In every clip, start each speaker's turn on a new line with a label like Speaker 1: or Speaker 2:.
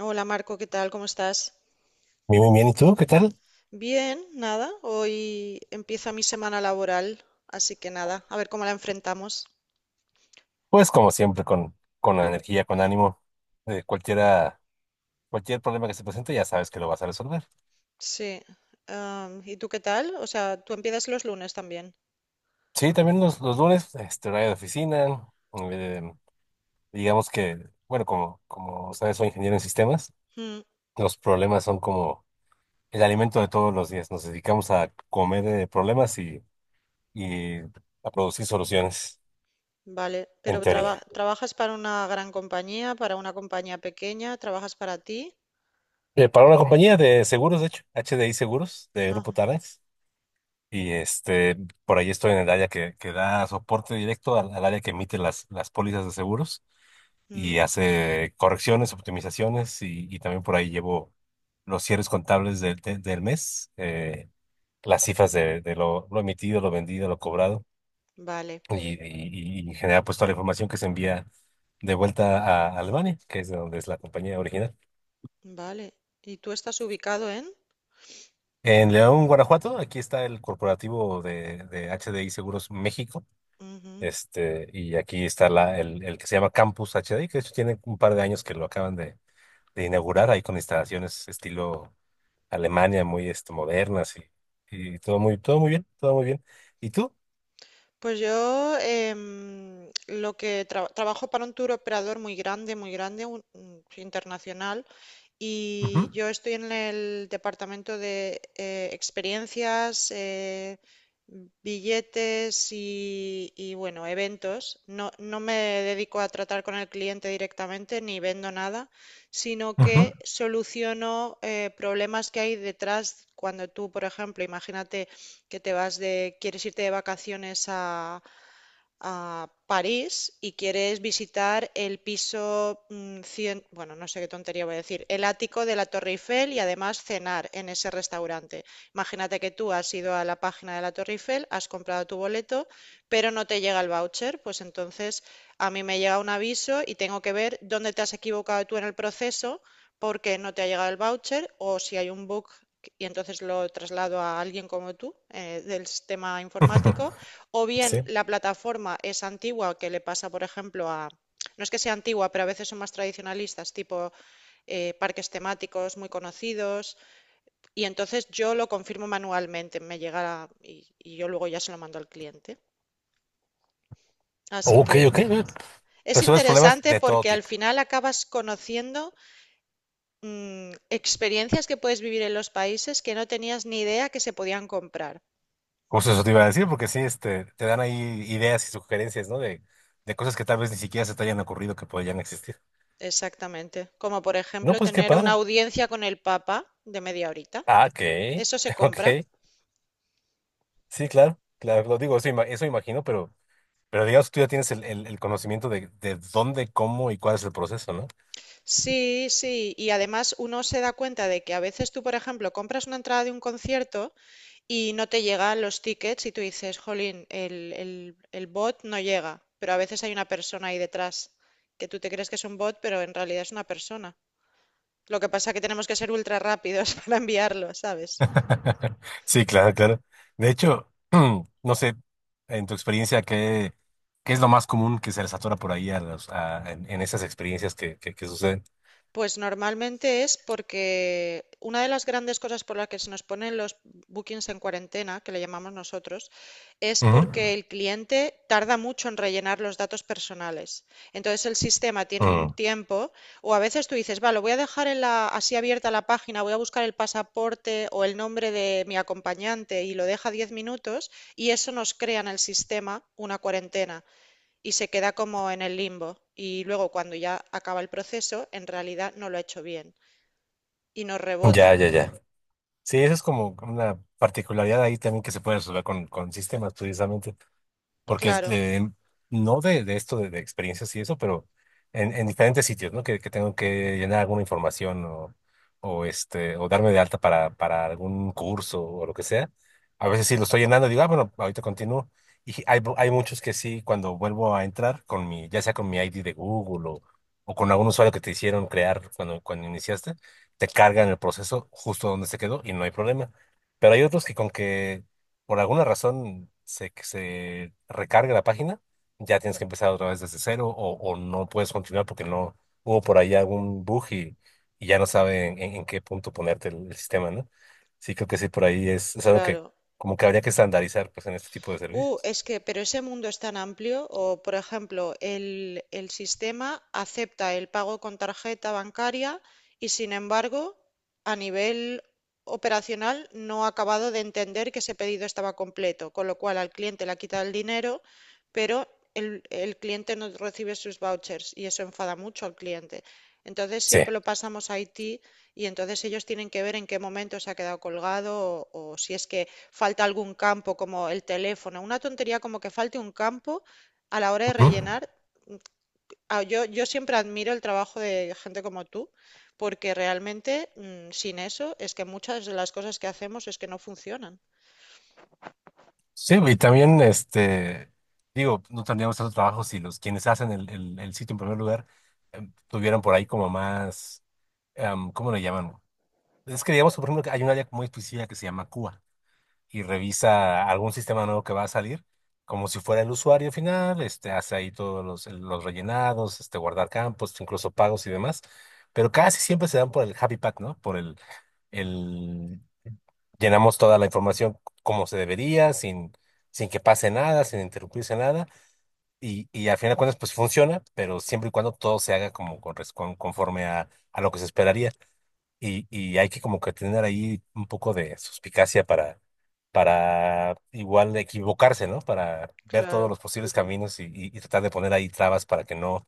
Speaker 1: Hola Marco, ¿qué tal? ¿Cómo estás?
Speaker 2: Bien, bien, bien. ¿Y tú qué tal?
Speaker 1: Bien, nada. Hoy empieza mi semana laboral, así que nada, a ver cómo la enfrentamos.
Speaker 2: Pues como siempre, con la energía, con ánimo. Eh, cualquiera, cualquier problema que se presente, ya sabes que lo vas a resolver.
Speaker 1: Sí. ¿Y tú qué tal? O sea, tú empiezas los lunes también.
Speaker 2: Sí, también los lunes, este, horario de oficina. eh, digamos que, bueno, como, como sabes, soy ingeniero en sistemas.
Speaker 1: Mm,
Speaker 2: Los problemas son como el alimento de todos los días. Nos dedicamos a comer problemas y a producir soluciones,
Speaker 1: vale, pero
Speaker 2: en teoría.
Speaker 1: ¿trabajas para una gran compañía, para una compañía pequeña? ¿Trabajas para ti?
Speaker 2: Para una compañía de seguros, de hecho, H D I Seguros, de Grupo
Speaker 1: Ah,
Speaker 2: Tarrant. Y este, por ahí estoy en el área que da soporte directo al área que emite las pólizas de seguros
Speaker 1: mm,
Speaker 2: y hace correcciones, optimizaciones y también por ahí llevo los cierres contables del mes, las cifras de, lo emitido, lo vendido, lo cobrado
Speaker 1: vale,
Speaker 2: y genera pues toda la información que se envía de vuelta a Albania, que es de donde es la compañía original.
Speaker 1: vale. ¿Y tú estás ubicado en?
Speaker 2: En León, Guanajuato, aquí está el corporativo de H D I Seguros México. Este, y aquí está el que se llama Campus H D, que de hecho tiene un par de años que lo acaban de inaugurar ahí con instalaciones estilo Alemania, muy este, modernas y todo muy bien, todo muy bien. ¿Y tú?
Speaker 1: Pues yo lo que trabajo para un tour operador muy grande, internacional. Y yo estoy en el departamento de experiencias, billetes y bueno, eventos. No, no me dedico a tratar con el cliente directamente ni vendo nada, sino
Speaker 2: Ujú, ujú.
Speaker 1: que soluciono problemas que hay detrás cuando tú, por ejemplo, imagínate que quieres irte de vacaciones a París y quieres visitar el piso 100, bueno, no sé qué tontería voy a decir, el ático de la Torre Eiffel y además cenar en ese restaurante. Imagínate que tú has ido a la página de la Torre Eiffel, has comprado tu boleto, pero no te llega el voucher, pues entonces a mí me llega un aviso y tengo que ver dónde te has equivocado tú en el proceso porque no te ha llegado el voucher o si hay un bug y entonces lo traslado a alguien como tú del sistema informático o
Speaker 2: Sí.
Speaker 1: bien la plataforma es antigua, que le pasa, por ejemplo, a... No es que sea antigua, pero a veces son más tradicionalistas, tipo parques temáticos muy conocidos. Y entonces yo lo confirmo manualmente, y, yo luego ya se lo mando al cliente. Así
Speaker 2: Ok,
Speaker 1: que
Speaker 2: ok. Eh.
Speaker 1: es
Speaker 2: Resuelves problemas
Speaker 1: interesante
Speaker 2: de todo
Speaker 1: porque al
Speaker 2: tipo.
Speaker 1: final acabas conociendo experiencias que puedes vivir en los países que no tenías ni idea que se podían comprar.
Speaker 2: Justo eso te iba a decir, porque sí, este, te dan ahí ideas y sugerencias, ¿no? De cosas que tal vez ni siquiera se te hayan ocurrido que podrían existir.
Speaker 1: Exactamente. Como por
Speaker 2: No,
Speaker 1: ejemplo
Speaker 2: pues qué
Speaker 1: tener una
Speaker 2: padre.
Speaker 1: audiencia con el Papa de media horita.
Speaker 2: Ah, ok,
Speaker 1: Eso se compra.
Speaker 2: ok. Sí, claro, claro, lo digo, eso, eso imagino, pero digamos, que tú ya tienes el conocimiento de dónde, cómo y cuál es el proceso, ¿no?
Speaker 1: Sí, sí. Y además uno se da cuenta de que a veces tú, por ejemplo, compras una entrada de un concierto y no te llegan los tickets y tú dices, jolín, el bot no llega. Pero a veces hay una persona ahí detrás que tú te crees que es un bot, pero en realidad es una persona. Lo que pasa es que tenemos que ser ultra rápidos para enviarlo, ¿sabes?
Speaker 2: Sí, claro, claro. De hecho, no sé, en tu experiencia, ¿qué, qué es lo más común que se les atora por ahí en esas experiencias que suceden?
Speaker 1: Pues normalmente es porque una de las grandes cosas por las que se nos ponen los bookings en cuarentena, que le llamamos nosotros, es
Speaker 2: Ujú.
Speaker 1: porque el cliente tarda mucho en rellenar los datos personales. Entonces el sistema tiene un tiempo, o a veces tú dices, vale, lo voy a dejar en la, así abierta la página, voy a buscar el pasaporte o el nombre de mi acompañante y lo deja 10 minutos y eso nos crea en el sistema una cuarentena y se queda como en el limbo. Y luego cuando ya acaba el proceso, en realidad no lo ha hecho bien y nos
Speaker 2: Mm, ya,
Speaker 1: rebota.
Speaker 2: ya, ya. Sí, eso es como una particularidad ahí también que se puede resolver con sistemas, precisamente. porque es
Speaker 1: Claro,
Speaker 2: de- no de, de esto de experiencias y eso, pero en diferentes sitios, ¿no? Que tengo que llenar alguna información o este, o darme de alta para algún curso o lo que sea. A veces sí lo estoy llenando y digo, ah, bueno, ahorita continúo. Y hay muchos que sí, cuando vuelvo a entrar con mi, ya sea con mi ID de Google o con algún usuario que te hicieron crear cuando, cuando iniciaste, te cargan el proceso justo donde se quedó y no hay problema. Pero hay otros que con que por alguna razón se recarga la página, ya tienes que empezar otra vez desde cero o no puedes continuar porque no hubo por ahí algún bug y ya no sabe en qué punto ponerte el sistema, ¿no? Sí, creo que sí, por ahí es algo que
Speaker 1: claro.
Speaker 2: como que habría que estandarizar pues en este tipo de servicios.
Speaker 1: Es que, pero ese mundo es tan amplio, o por ejemplo, el sistema acepta el pago con tarjeta bancaria y sin embargo, a nivel operacional no ha acabado de entender que ese pedido estaba completo, con lo cual al cliente le ha quitado el dinero, pero el cliente no recibe sus vouchers y eso enfada mucho al cliente. Entonces
Speaker 2: Sí.
Speaker 1: siempre lo pasamos a IT y entonces ellos tienen que ver en qué momento se ha quedado colgado o si es que falta algún campo como el teléfono, una tontería como que falte un campo a la hora de
Speaker 2: Ujú.
Speaker 1: rellenar. Ah, yo siempre admiro el trabajo de gente como tú, porque realmente sin eso es que muchas de las cosas que hacemos es que no funcionan.
Speaker 2: Sí, y también, este, digo, no tendríamos tanto trabajo si los quienes hacen el sitio en primer lugar tuvieran por ahí como más, ¿cómo le llaman? Es que digamos, por ejemplo, que hay una área muy específica que se llama Cuba y revisa algún sistema nuevo que va a salir, como si fuera el usuario final, este, hace ahí los rellenados, este, guardar campos, incluso pagos y demás, pero casi siempre se dan por el happy path, ¿no? Por el Llenamos toda la información como se debería, sin, sin que pase nada, sin interrumpirse nada, y al final de cuentas, pues funciona, pero siempre y cuando todo se haga como conforme a lo que se esperaría y hay que como que tener ahí un poco de suspicacia para igual equivocarse, ¿no? Para ver todos
Speaker 1: Claro,
Speaker 2: los posibles caminos y, y tratar de poner ahí trabas para que no,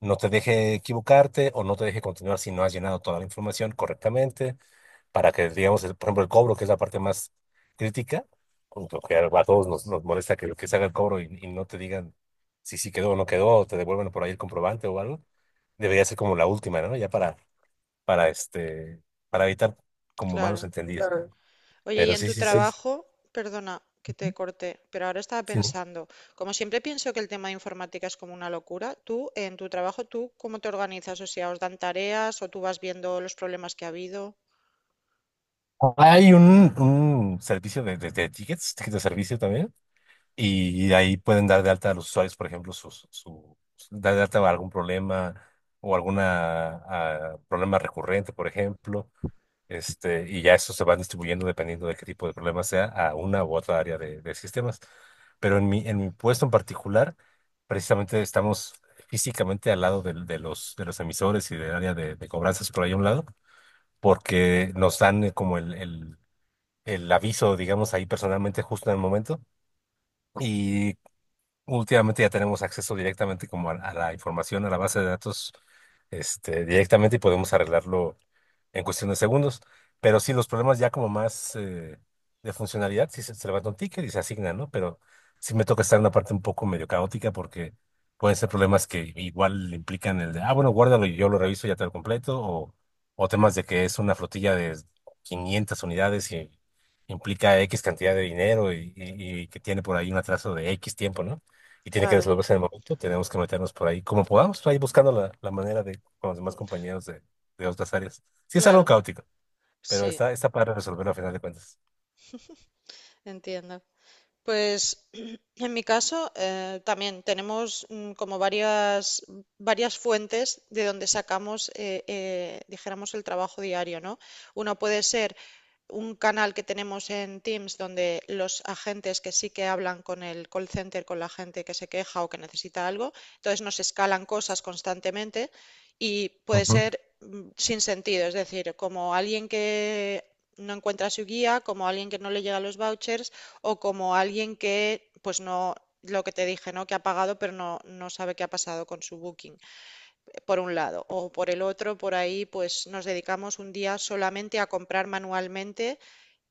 Speaker 2: no te deje equivocarte o no te deje continuar si no has llenado toda la información correctamente, para que, digamos, por ejemplo, el cobro, que es la parte más crítica, como que a todos nos, nos molesta que se haga el cobro y no te digan si sí quedó o no quedó, o te devuelven por ahí el comprobante o algo, debería ser como la última, ¿no? Ya para este, para evitar como malos
Speaker 1: claro.
Speaker 2: entendidos. Claro.
Speaker 1: Oye, y
Speaker 2: Pero
Speaker 1: en
Speaker 2: sí,
Speaker 1: tu
Speaker 2: sí, sí, eh, sí.
Speaker 1: trabajo, perdona que te corté, pero ahora estaba
Speaker 2: Sí, ¿no?
Speaker 1: pensando, como siempre pienso que el tema de informática es como una locura, tú en tu trabajo, ¿tú cómo te organizas? O sea, ¿os dan tareas o tú vas viendo los problemas que ha habido?
Speaker 2: Hay un servicio de tickets, tickets de servicio también, y ahí pueden dar de alta a los usuarios, por ejemplo, dar de alta algún problema o alguna problema recurrente, por ejemplo. Este, y ya eso se van distribuyendo dependiendo de qué tipo de problema sea a una u otra área de sistemas. Pero en mi puesto en particular, precisamente estamos físicamente al lado de los emisores y del área de cobranzas por ahí a un lado, porque nos dan como el aviso, digamos, ahí personalmente justo en el momento. Y últimamente ya tenemos acceso directamente como a la información, a la base de datos, este, directamente y podemos arreglarlo en cuestión de segundos. Pero sí, los problemas ya como más de funcionalidad, sí se levanta un ticket y se asigna, ¿no? Pero sí me toca estar en una parte un poco medio caótica porque pueden ser problemas que igual implican el de, ah, bueno, guárdalo y yo lo reviso y ya te lo completo, o temas de que es una flotilla de 500 unidades y implica X cantidad de dinero y, y que tiene por ahí un atraso de X tiempo, ¿no? Y tiene que
Speaker 1: Claro,
Speaker 2: resolverse en el momento, tenemos que meternos por ahí como podamos, ahí buscando la manera de con los demás compañeros de otras áreas. Sí, es algo
Speaker 1: claro.
Speaker 2: caótico, pero
Speaker 1: Sí,
Speaker 2: está, está para resolverlo a final de cuentas.
Speaker 1: entiendo. Pues en mi caso también tenemos como varias fuentes de donde sacamos, dijéramos, el trabajo diario, ¿no? Uno puede ser un canal que tenemos en Teams donde los agentes que sí que hablan con el call center, con la gente que se queja o que necesita algo, entonces nos escalan cosas constantemente y puede
Speaker 2: Ujú,
Speaker 1: ser sin sentido, es decir, como alguien que no encuentra su guía, como alguien que no le llega los vouchers, o como alguien que, pues no, lo que te dije, ¿no? Que ha pagado pero no, no sabe qué ha pasado con su booking, por un lado. O por el otro, por ahí, pues nos dedicamos un día solamente a comprar manualmente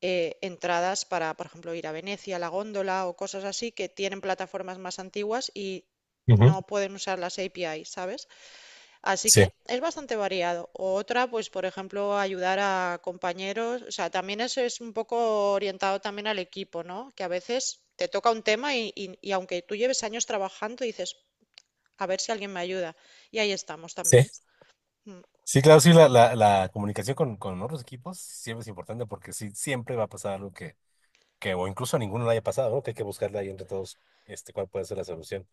Speaker 1: entradas para, por ejemplo, ir a Venecia, a la góndola o cosas así que tienen plataformas más antiguas y
Speaker 2: ujú.
Speaker 1: no pueden usar las API, ¿sabes? Así que
Speaker 2: Sí,
Speaker 1: es bastante variado. O otra, pues por ejemplo, ayudar a compañeros. O sea, también eso es un poco orientado también al equipo, ¿no? Que a veces te toca un tema y aunque tú lleves años trabajando, dices, a ver si alguien me ayuda. Y ahí estamos
Speaker 2: sí.
Speaker 1: también. Mm.
Speaker 2: Sí, claro, sí, la comunicación con otros equipos siempre es importante porque sí, siempre va a pasar algo que o incluso a ninguno le haya pasado, ¿no? Que hay que buscarle ahí entre todos este, cuál puede ser la solución.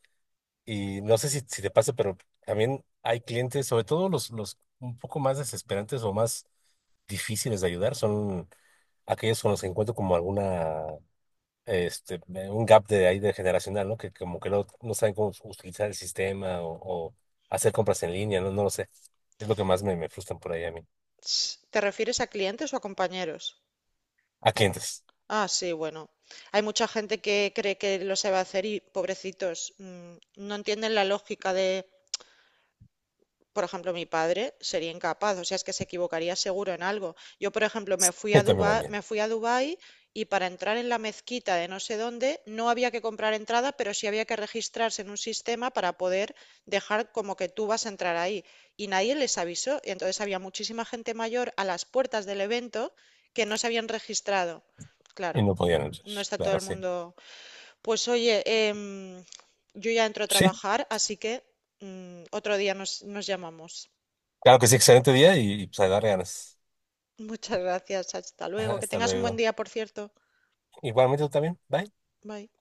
Speaker 2: Y no sé si, si te pasa, pero también hay clientes, sobre todo los un poco más desesperantes o más difíciles de ayudar, son aquellos con los que encuentro como alguna este, un gap de ahí de generacional, ¿no? Que como que no, no saben cómo utilizar el sistema o hacer compras en línea, ¿no? No lo sé. Es lo que más me, me frustran por ahí a mí.
Speaker 1: ¿Te refieres a clientes o a compañeros?
Speaker 2: A clientes.
Speaker 1: Ah, sí, bueno. Hay mucha gente que cree que lo sabe hacer y pobrecitos, no entienden la lógica de, por ejemplo, mi padre sería incapaz, o sea, es que se equivocaría seguro en algo. Yo, por ejemplo,
Speaker 2: Y también a mí.
Speaker 1: Me fui a Dubái y para entrar en la mezquita de no sé dónde no había que comprar entrada, pero sí había que registrarse en un sistema para poder dejar como que tú vas a entrar ahí. Y nadie les avisó, y entonces había muchísima gente mayor a las puertas del evento que no se habían registrado.
Speaker 2: Y
Speaker 1: Claro,
Speaker 2: no podían entrar.
Speaker 1: no está todo
Speaker 2: Claro,
Speaker 1: el
Speaker 2: sí.
Speaker 1: mundo. Pues oye, yo ya entro a
Speaker 2: Sí,
Speaker 1: trabajar, así que otro día nos llamamos.
Speaker 2: claro que sí, excelente día y pues a dar ganas.
Speaker 1: Muchas gracias, hasta luego. Que
Speaker 2: Hasta
Speaker 1: tengas un buen
Speaker 2: luego.
Speaker 1: día, por cierto.
Speaker 2: Igualmente tú también. Bye.
Speaker 1: Bye.